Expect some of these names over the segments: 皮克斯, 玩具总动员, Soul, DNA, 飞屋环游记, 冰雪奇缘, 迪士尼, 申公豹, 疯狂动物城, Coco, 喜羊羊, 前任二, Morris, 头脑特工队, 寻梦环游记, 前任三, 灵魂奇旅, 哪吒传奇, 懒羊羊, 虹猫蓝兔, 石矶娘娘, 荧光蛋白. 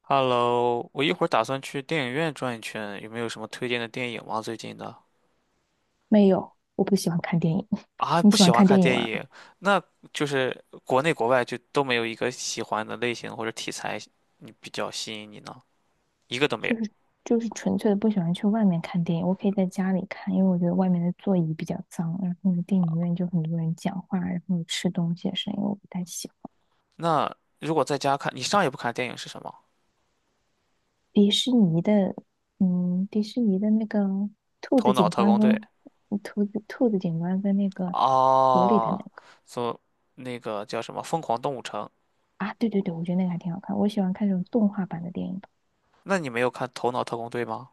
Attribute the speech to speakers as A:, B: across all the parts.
A: Hello，我一会儿打算去电影院转一圈，有没有什么推荐的电影吗？最近的。
B: 没有，我不喜欢看电影。
A: 啊，
B: 你
A: 不
B: 喜
A: 喜
B: 欢
A: 欢
B: 看
A: 看
B: 电影
A: 电
B: 吗？
A: 影，那就是国内国外就都没有一个喜欢的类型或者题材，你比较吸引你呢？一个都没有。
B: 就是就是纯粹的不喜欢去外面看电影，我可以在家里看，因为我觉得外面的座椅比较脏，然后呢，电影院就很多人讲话，然后吃东西的声音我不太喜欢。
A: 那如果在家看，你上一部看的电影是什么？
B: 迪士尼的，迪士尼的那个兔
A: 《头
B: 子
A: 脑
B: 警
A: 特
B: 官
A: 工
B: 跟
A: 队》。
B: 兔子警官跟那个狐狸的那
A: 哦，
B: 个
A: 所那个叫什么《疯狂动物城》？
B: 啊，对对对，我觉得那个还挺好看，我喜欢看那种动画版的电影。
A: 那你没有看《头脑特工队》吗？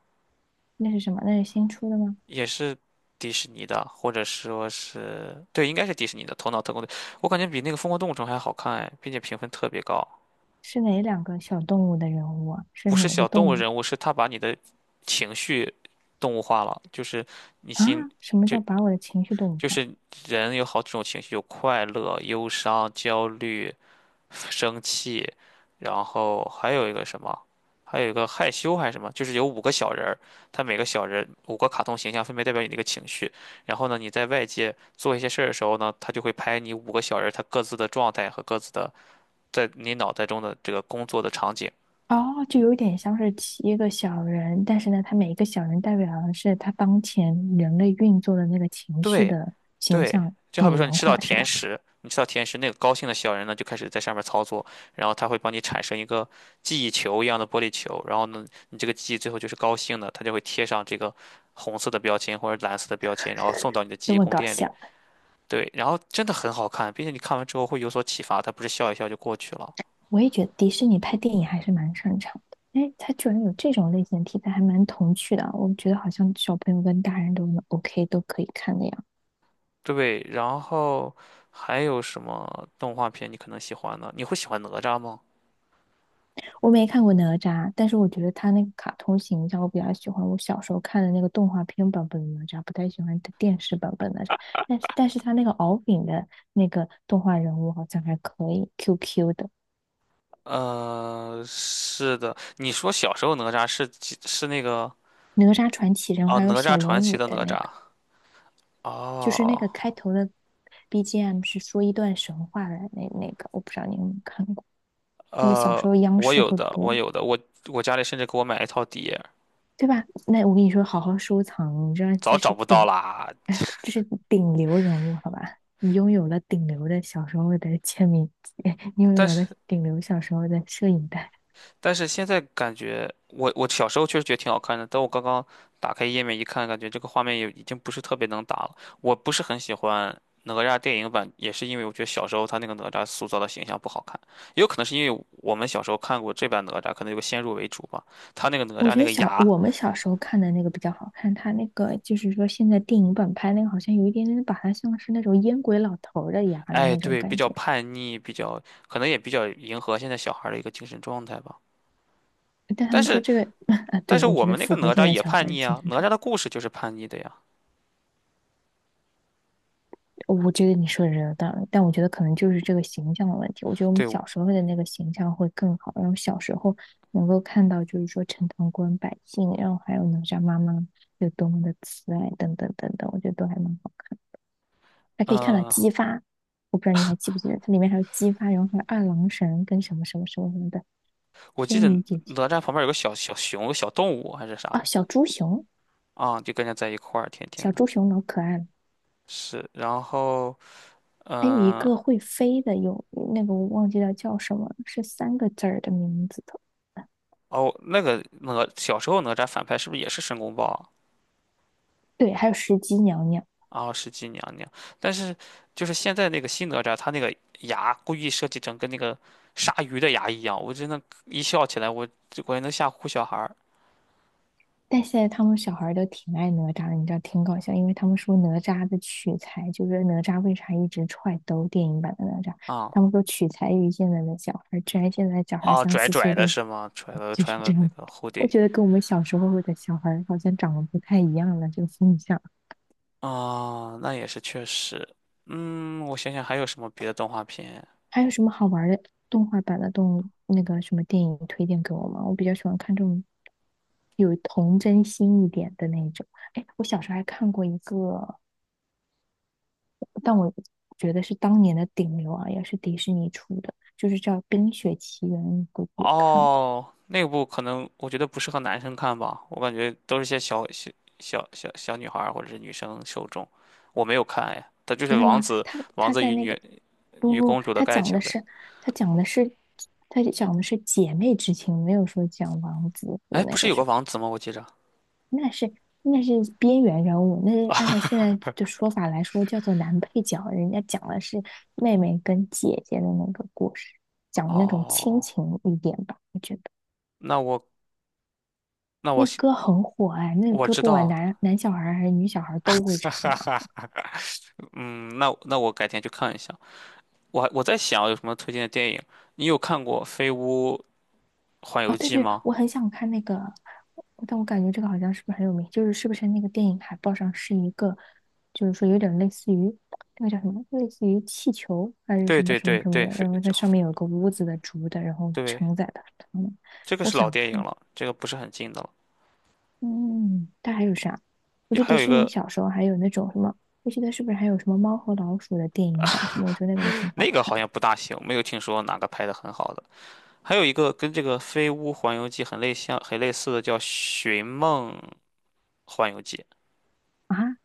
B: 那是什么？那是新出的吗？
A: 也是迪士尼的，或者说是，对，应该是迪士尼的《头脑特工队》，我感觉比那个《疯狂动物城》还好看哎，并且评分特别高。
B: 是哪两个小动物的人物啊？是
A: 不是
B: 哪个
A: 小动物
B: 动物？
A: 人物，是他把你的情绪动物化了，就是你
B: 啊，
A: 心，
B: 什么
A: 就
B: 叫把我的情绪动物
A: 就
B: 化？
A: 是人有好几种情绪，有快乐、忧伤、焦虑，生气，然后还有一个什么，还有一个害羞还是什么，就是有五个小人儿，他每个小人五个卡通形象分别代表你的一个情绪。然后呢，你在外界做一些事儿的时候呢，他就会拍你五个小人儿他各自的状态和各自的在你脑袋中的这个工作的场景。
B: 哦，就有点像是七个小人，但是呢，他每一个小人代表的是他当前人类运作的那个情绪
A: 对，
B: 的形
A: 对，
B: 象
A: 就好
B: 拟
A: 比说你
B: 人
A: 吃到
B: 化，是
A: 甜
B: 吧？
A: 食，你吃到甜食，那个高兴的小人呢就开始在上面操作，然后他会帮你产生一个记忆球一样的玻璃球，然后呢，你这个记忆最后就是高兴的，它就会贴上这个红色的标签或者蓝色的标签，然后送到你的记
B: 就
A: 忆
B: 会
A: 宫
B: 搞
A: 殿里。
B: 笑。
A: 对，然后真的很好看，并且你看完之后会有所启发，它不是笑一笑就过去了。
B: 我也觉得迪士尼拍电影还是蛮擅长的。哎，他居然有这种类型的题材，还蛮童趣的啊。我觉得好像小朋友跟大人都能 OK 都可以看的呀。
A: 对，然后还有什么动画片你可能喜欢呢？你会喜欢哪吒吗？
B: 我没看过哪吒，但是我觉得他那个卡通形象我比较喜欢。我小时候看的那个动画片版本的哪吒，不太喜欢电视版本的哪吒。但是他那个敖丙的那个动画人物好像还可以，QQ 的
A: 是的，你说小时候哪吒是那个。
B: 哪吒传奇人物，
A: 哦，
B: 还有
A: 哪
B: 小
A: 吒传
B: 龙
A: 奇
B: 女
A: 的
B: 的
A: 哪
B: 那
A: 吒。
B: 个，就是那
A: 哦，
B: 个开头的 BGM 是说一段神话的那个，我不知道你有没有看过。那个小时
A: 呃，
B: 候央
A: 我
B: 视
A: 有
B: 会
A: 的，我
B: 播。
A: 有的，我家里甚至给我买了一套碟，
B: 对吧？那我跟你说，好好收藏，你知道
A: 早
B: 这
A: 找
B: 是
A: 不到
B: 顶，
A: 啦。
B: 哎，这是顶流人物，好吧？你拥有了顶流的小时候的签名，你拥
A: 但
B: 有了
A: 是
B: 顶流小时候的摄影带。
A: 但是现在感觉，我小时候确实觉得挺好看的，但我刚刚打开页面一看，感觉这个画面也已经不是特别能打了。我不是很喜欢哪吒电影版，也是因为我觉得小时候他那个哪吒塑造的形象不好看，也有可能是因为我们小时候看过这版哪吒，可能有个先入为主吧。他那个哪
B: 我
A: 吒
B: 觉
A: 那
B: 得
A: 个
B: 小
A: 牙。
B: 我们小时候看的那个比较好看，他那个就是说现在电影版拍那个好像有一点点把他像是那种烟鬼老头儿的牙的
A: 哎，
B: 那种
A: 对，比
B: 感
A: 较
B: 觉，
A: 叛逆，比较可能也比较迎合现在小孩儿的一个精神状态吧。
B: 但他
A: 但
B: 们说
A: 是，
B: 这个 啊，
A: 但
B: 对，
A: 是
B: 我
A: 我
B: 觉得
A: 们那个
B: 符合
A: 哪
B: 现
A: 吒
B: 在
A: 也
B: 小孩
A: 叛
B: 儿的
A: 逆
B: 精
A: 啊，
B: 神
A: 哪
B: 状
A: 吒
B: 态。
A: 的故事就是叛逆的呀。
B: 我觉得你说的是有道理，但我觉得可能就是这个形象的问题。我觉得我们
A: 对。
B: 小时候的那个形象会更好，然后小时候能够看到，就是说陈塘关百姓，然后还有哪吒妈妈有多么的慈爱，等等等等，我觉得都还蛮好看。还可以看到
A: 嗯，
B: 姬发，我不知道你还记不记得，它里面还有姬发，然后还有二郎神跟什么什么什么什么的
A: 我记
B: 仙
A: 得
B: 女姐姐
A: 哪吒旁边有个小小熊、小动物还是啥
B: 啊，
A: 的。
B: 小猪熊，
A: 啊，就跟着在一块儿，天天
B: 小
A: 的。
B: 猪熊老可爱了。
A: 是，然后，
B: 还有一
A: 嗯、
B: 个会飞的，有那个我忘记了叫什么了是三个字儿的名字的。
A: 哦，那个哪小时候哪吒反派是不是也是申公豹啊？
B: 对，还有石矶娘娘。
A: 哦，石矶娘娘，但是就是现在那个新哪吒，他那个牙故意设计成跟那个鲨鱼的牙一样，我真的，一笑起来，我这果然能吓唬小孩儿。
B: 但现在他们小孩儿都挺爱哪吒的，你知道挺搞笑，因为他们说哪吒的取材就是哪吒为啥一直踹兜电影版的哪吒，
A: 啊，
B: 他们说取材于现在的小孩儿，居然现在小孩儿
A: 啊，
B: 三
A: 拽
B: 四岁
A: 拽的
B: 都
A: 是吗？拽了
B: 就是
A: 穿
B: 这
A: 个那
B: 样。
A: 个
B: 我
A: hoodie。
B: 觉得跟我们小时候的小孩儿好像长得不太一样了，这个风向。
A: 啊，那也是确实，嗯，我想想还有什么别的动画片。
B: 还有什么好玩儿的动画版的动那个什么电影推荐给我吗？我比较喜欢看这种有童真心一点的那种。哎，我小时候还看过一个。但我觉得是当年的顶流啊，也是迪士尼出的，就是叫《冰雪奇缘》，你估计也看过。
A: 哦，那部可能我觉得不适合男生看吧，我感觉都是些小女孩儿或者是女生受众，我没有看哎，它就是
B: 真的
A: 王
B: 吗？
A: 子
B: 他
A: 王
B: 他
A: 子
B: 在
A: 与
B: 那个不不，
A: 公主的爱情呗。
B: 他讲的是他讲的是姐妹之情，没有说讲王子和
A: 哎，不
B: 那
A: 是
B: 个
A: 有个
B: 什
A: 王子吗？我记着。
B: 么，那是边缘人物，那是按照现在的说法来说叫做男配角，人家讲的是妹妹跟姐姐的那个故事，讲那种亲
A: 哦，
B: 情一点吧，我觉得。
A: 那我那我
B: 那歌很火哎，那个
A: 我
B: 歌
A: 知
B: 不管
A: 道，
B: 男男小孩儿还是女小孩儿都会唱啊。
A: 嗯，那我改天去看一下。我在想有什么推荐的电影？你有看过《飞屋环游
B: 啊，对
A: 记》
B: 对，
A: 吗？
B: 我很想看那个，但我感觉这个好像是不是很有名？就是是不是那个电影海报上是一个，就是说有点类似于那个叫什么，类似于气球还是
A: 对
B: 什么
A: 对
B: 什么
A: 对
B: 什么
A: 对，
B: 的，
A: 飞
B: 然后它上面有个屋子的竹的，然后
A: 对
B: 承载的他们
A: 这个
B: 我
A: 是老
B: 想
A: 电影
B: 看，
A: 了，这个不是很近的了。
B: 嗯，它还有啥？我
A: 也
B: 觉得
A: 还
B: 迪
A: 有一
B: 士尼
A: 个。
B: 小时候还有那种什么，我记得是不是还有什么猫和老鼠的电影版什么？我觉得那个也很好
A: 那个
B: 看
A: 好像不大行，没有听说哪个拍的很好的。还有一个跟这个《飞屋环游记》很类像、很类似的叫《寻梦环游记》。
B: 啊。啊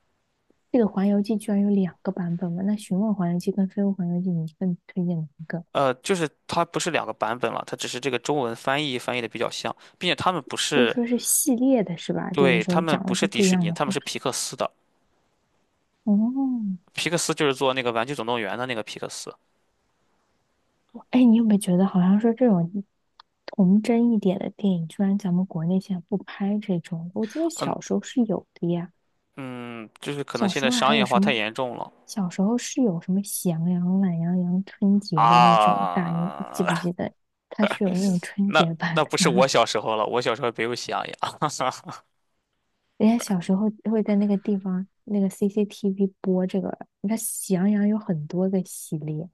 B: 这个《环游记》居然有两个版本嘛？那《寻梦环游记》跟《飞屋环游记》，你更推荐哪一个？
A: 呃，就是它不是两个版本了，它只是这个中文翻译的比较像，并且他们不
B: 就是
A: 是，
B: 说是系列的是吧？就是
A: 对，他
B: 说
A: 们
B: 讲
A: 不
B: 的
A: 是
B: 是
A: 迪
B: 不一
A: 士
B: 样
A: 尼，
B: 的
A: 他们
B: 故
A: 是
B: 事。
A: 皮克斯的。
B: 哦，
A: 皮克斯就是做那个《玩具总动员》的那个皮克斯。
B: 哎，你有没有觉得好像说这种童真一点的电影，居然咱们国内现在不拍这种？我记得
A: 嗯
B: 小时候是有的呀，
A: 嗯，就是可能
B: 小
A: 现
B: 时
A: 在
B: 候还
A: 商业
B: 有
A: 化
B: 什
A: 太
B: 么？
A: 严重了。
B: 小时候是有什么喜羊羊、懒羊羊春节的那种大英，记
A: 啊，
B: 不记得？它是有那种春
A: 那
B: 节版
A: 那不是我
B: 的。
A: 小时候了，我小时候没有喜羊羊。
B: 人家小时候会在那个地方那个 CCTV 播这个，你看《喜羊羊》有很多个系列，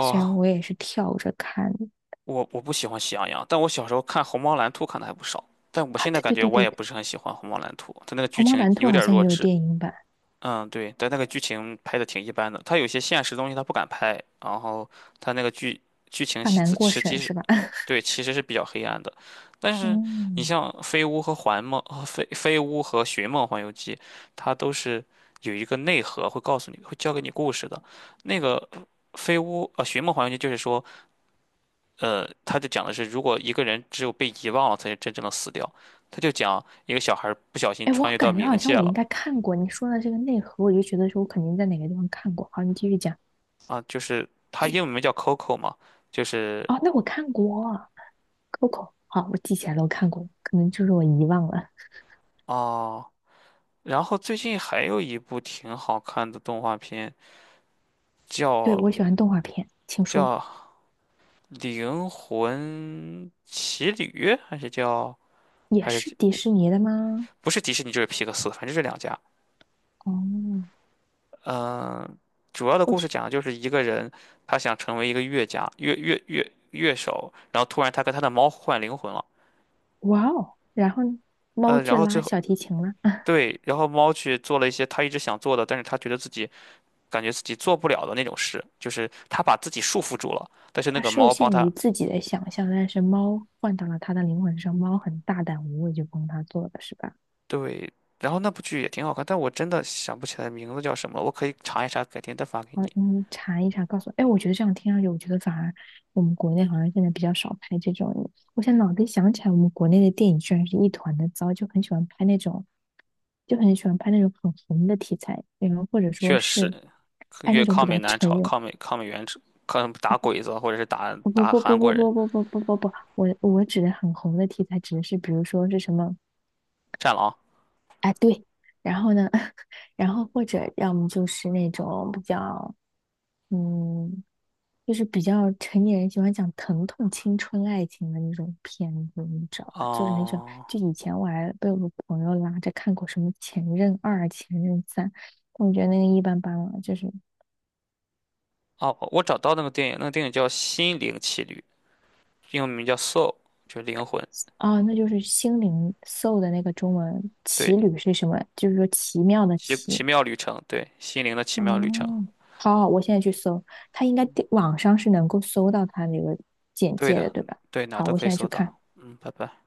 B: 虽然我也是跳着看的
A: 我不喜欢喜羊羊，但我小时候看《虹猫蓝兔》看的还不少，但我
B: 啊，
A: 现在
B: 对
A: 感
B: 对
A: 觉
B: 对
A: 我
B: 对
A: 也
B: 对，
A: 不是很喜欢《虹猫蓝兔》，它那个剧
B: 《虹猫
A: 情
B: 蓝兔》
A: 有
B: 好
A: 点
B: 像也
A: 弱
B: 有
A: 智。
B: 电影版，
A: 嗯，对，但那个剧情拍的挺一般的，他有些现实东西他不敢拍，然后他那个剧情
B: 怕
A: 其
B: 难过
A: 实际
B: 审
A: 是，
B: 是吧？
A: 对，其实是比较黑暗的。但是你
B: 嗯，
A: 像《飞屋》和《环梦》和《飞飞屋》和《寻梦环游记》，它都是有一个内核，会告诉你，会教给你故事的。那个《飞屋》《寻梦环游记》就是说，呃，他就讲的是，如果一个人只有被遗忘了，才是真正的死掉。他就讲一个小孩儿不小心
B: 哎，
A: 穿
B: 我
A: 越到
B: 感觉
A: 冥
B: 好像
A: 界
B: 我应
A: 了。
B: 该看过你说的这个内核，我就觉得说我肯定在哪个地方看过。好，你继续讲。
A: 啊，就是它英文名叫 Coco 嘛，就是。
B: 哦，那我看过《Coco》，好，我记起来了，我看过，可能就是我遗忘了。
A: 啊，然后最近还有一部挺好看的动画片，
B: 对，我
A: 叫
B: 喜欢动画片，请说。
A: 叫《灵魂奇旅》，还是叫
B: 也
A: 还
B: 是
A: 是
B: 迪士尼的吗？
A: 不是迪士尼就是皮克斯，反正这两家。
B: 哦，
A: 嗯、主要的
B: 我
A: 故事
B: 去，
A: 讲的就是一个人，他想成为一个乐家乐乐乐乐手，然后突然他跟他的猫换灵魂了。
B: 哇哦！然后呢猫
A: 呃，然
B: 去
A: 后最
B: 拉
A: 后
B: 小提琴了。
A: 对，然后猫去做了一些他一直想做的，但是他觉得自己。感觉自己做不了的那种事，就是他把自己束缚住了，但是那
B: 它
A: 个
B: 受
A: 猫帮
B: 限
A: 他，
B: 于自己的想象，但是猫换到了它的灵魂上，猫很大胆无畏，就帮它做了，是吧？
A: 对，然后那部剧也挺好看，但我真的想不起来名字叫什么了，我可以查一查，改天再发给
B: 好，
A: 你。
B: 你查一查，告诉我。哎，我觉得这样听上去，我觉得反而我们国内好像现在比较少拍这种。我现在脑子里想起来，我们国内的电影居然是一团的糟，就很喜欢拍那种，就很喜欢拍那种很红的题材，然后或者说
A: 确实，
B: 是拍
A: 越
B: 那种
A: 抗
B: 比
A: 美
B: 较
A: 援
B: 成
A: 朝，
B: 人
A: 抗美援朝，抗打鬼子或者是打
B: 不不
A: 打
B: 不不
A: 韩国
B: 不
A: 人，
B: 不不不不不不，我指的很红的题材指的是，比如说是什么？
A: 战狼。
B: 哎，对，然后呢，然后或者要么就是那种比较，嗯，就是比较成年人喜欢讲疼痛、青春、爱情的那种片子，你知道吧？就是很喜欢。
A: 哦。
B: 就以前我还被我朋友拉着看过什么《前任二》《前任三》，但我觉得那个一般般了，就是。
A: 哦，我找到那个电影，那个电影叫《心灵奇旅》，英文名叫《Soul》，就是灵魂。
B: 哦，那就是心灵 soul 的那个中文"奇
A: 对，
B: 旅"是什么？就是说奇妙的
A: 奇
B: “奇"。
A: 奇妙旅程，对，心灵的奇妙旅程。
B: 哦，好好，我现在去搜，它应该地网上是能够搜到它那个简
A: 对
B: 介
A: 的，
B: 的，对吧？
A: 对，哪
B: 好，
A: 都
B: 我
A: 可以
B: 现在去
A: 搜
B: 看。
A: 到。嗯，拜拜。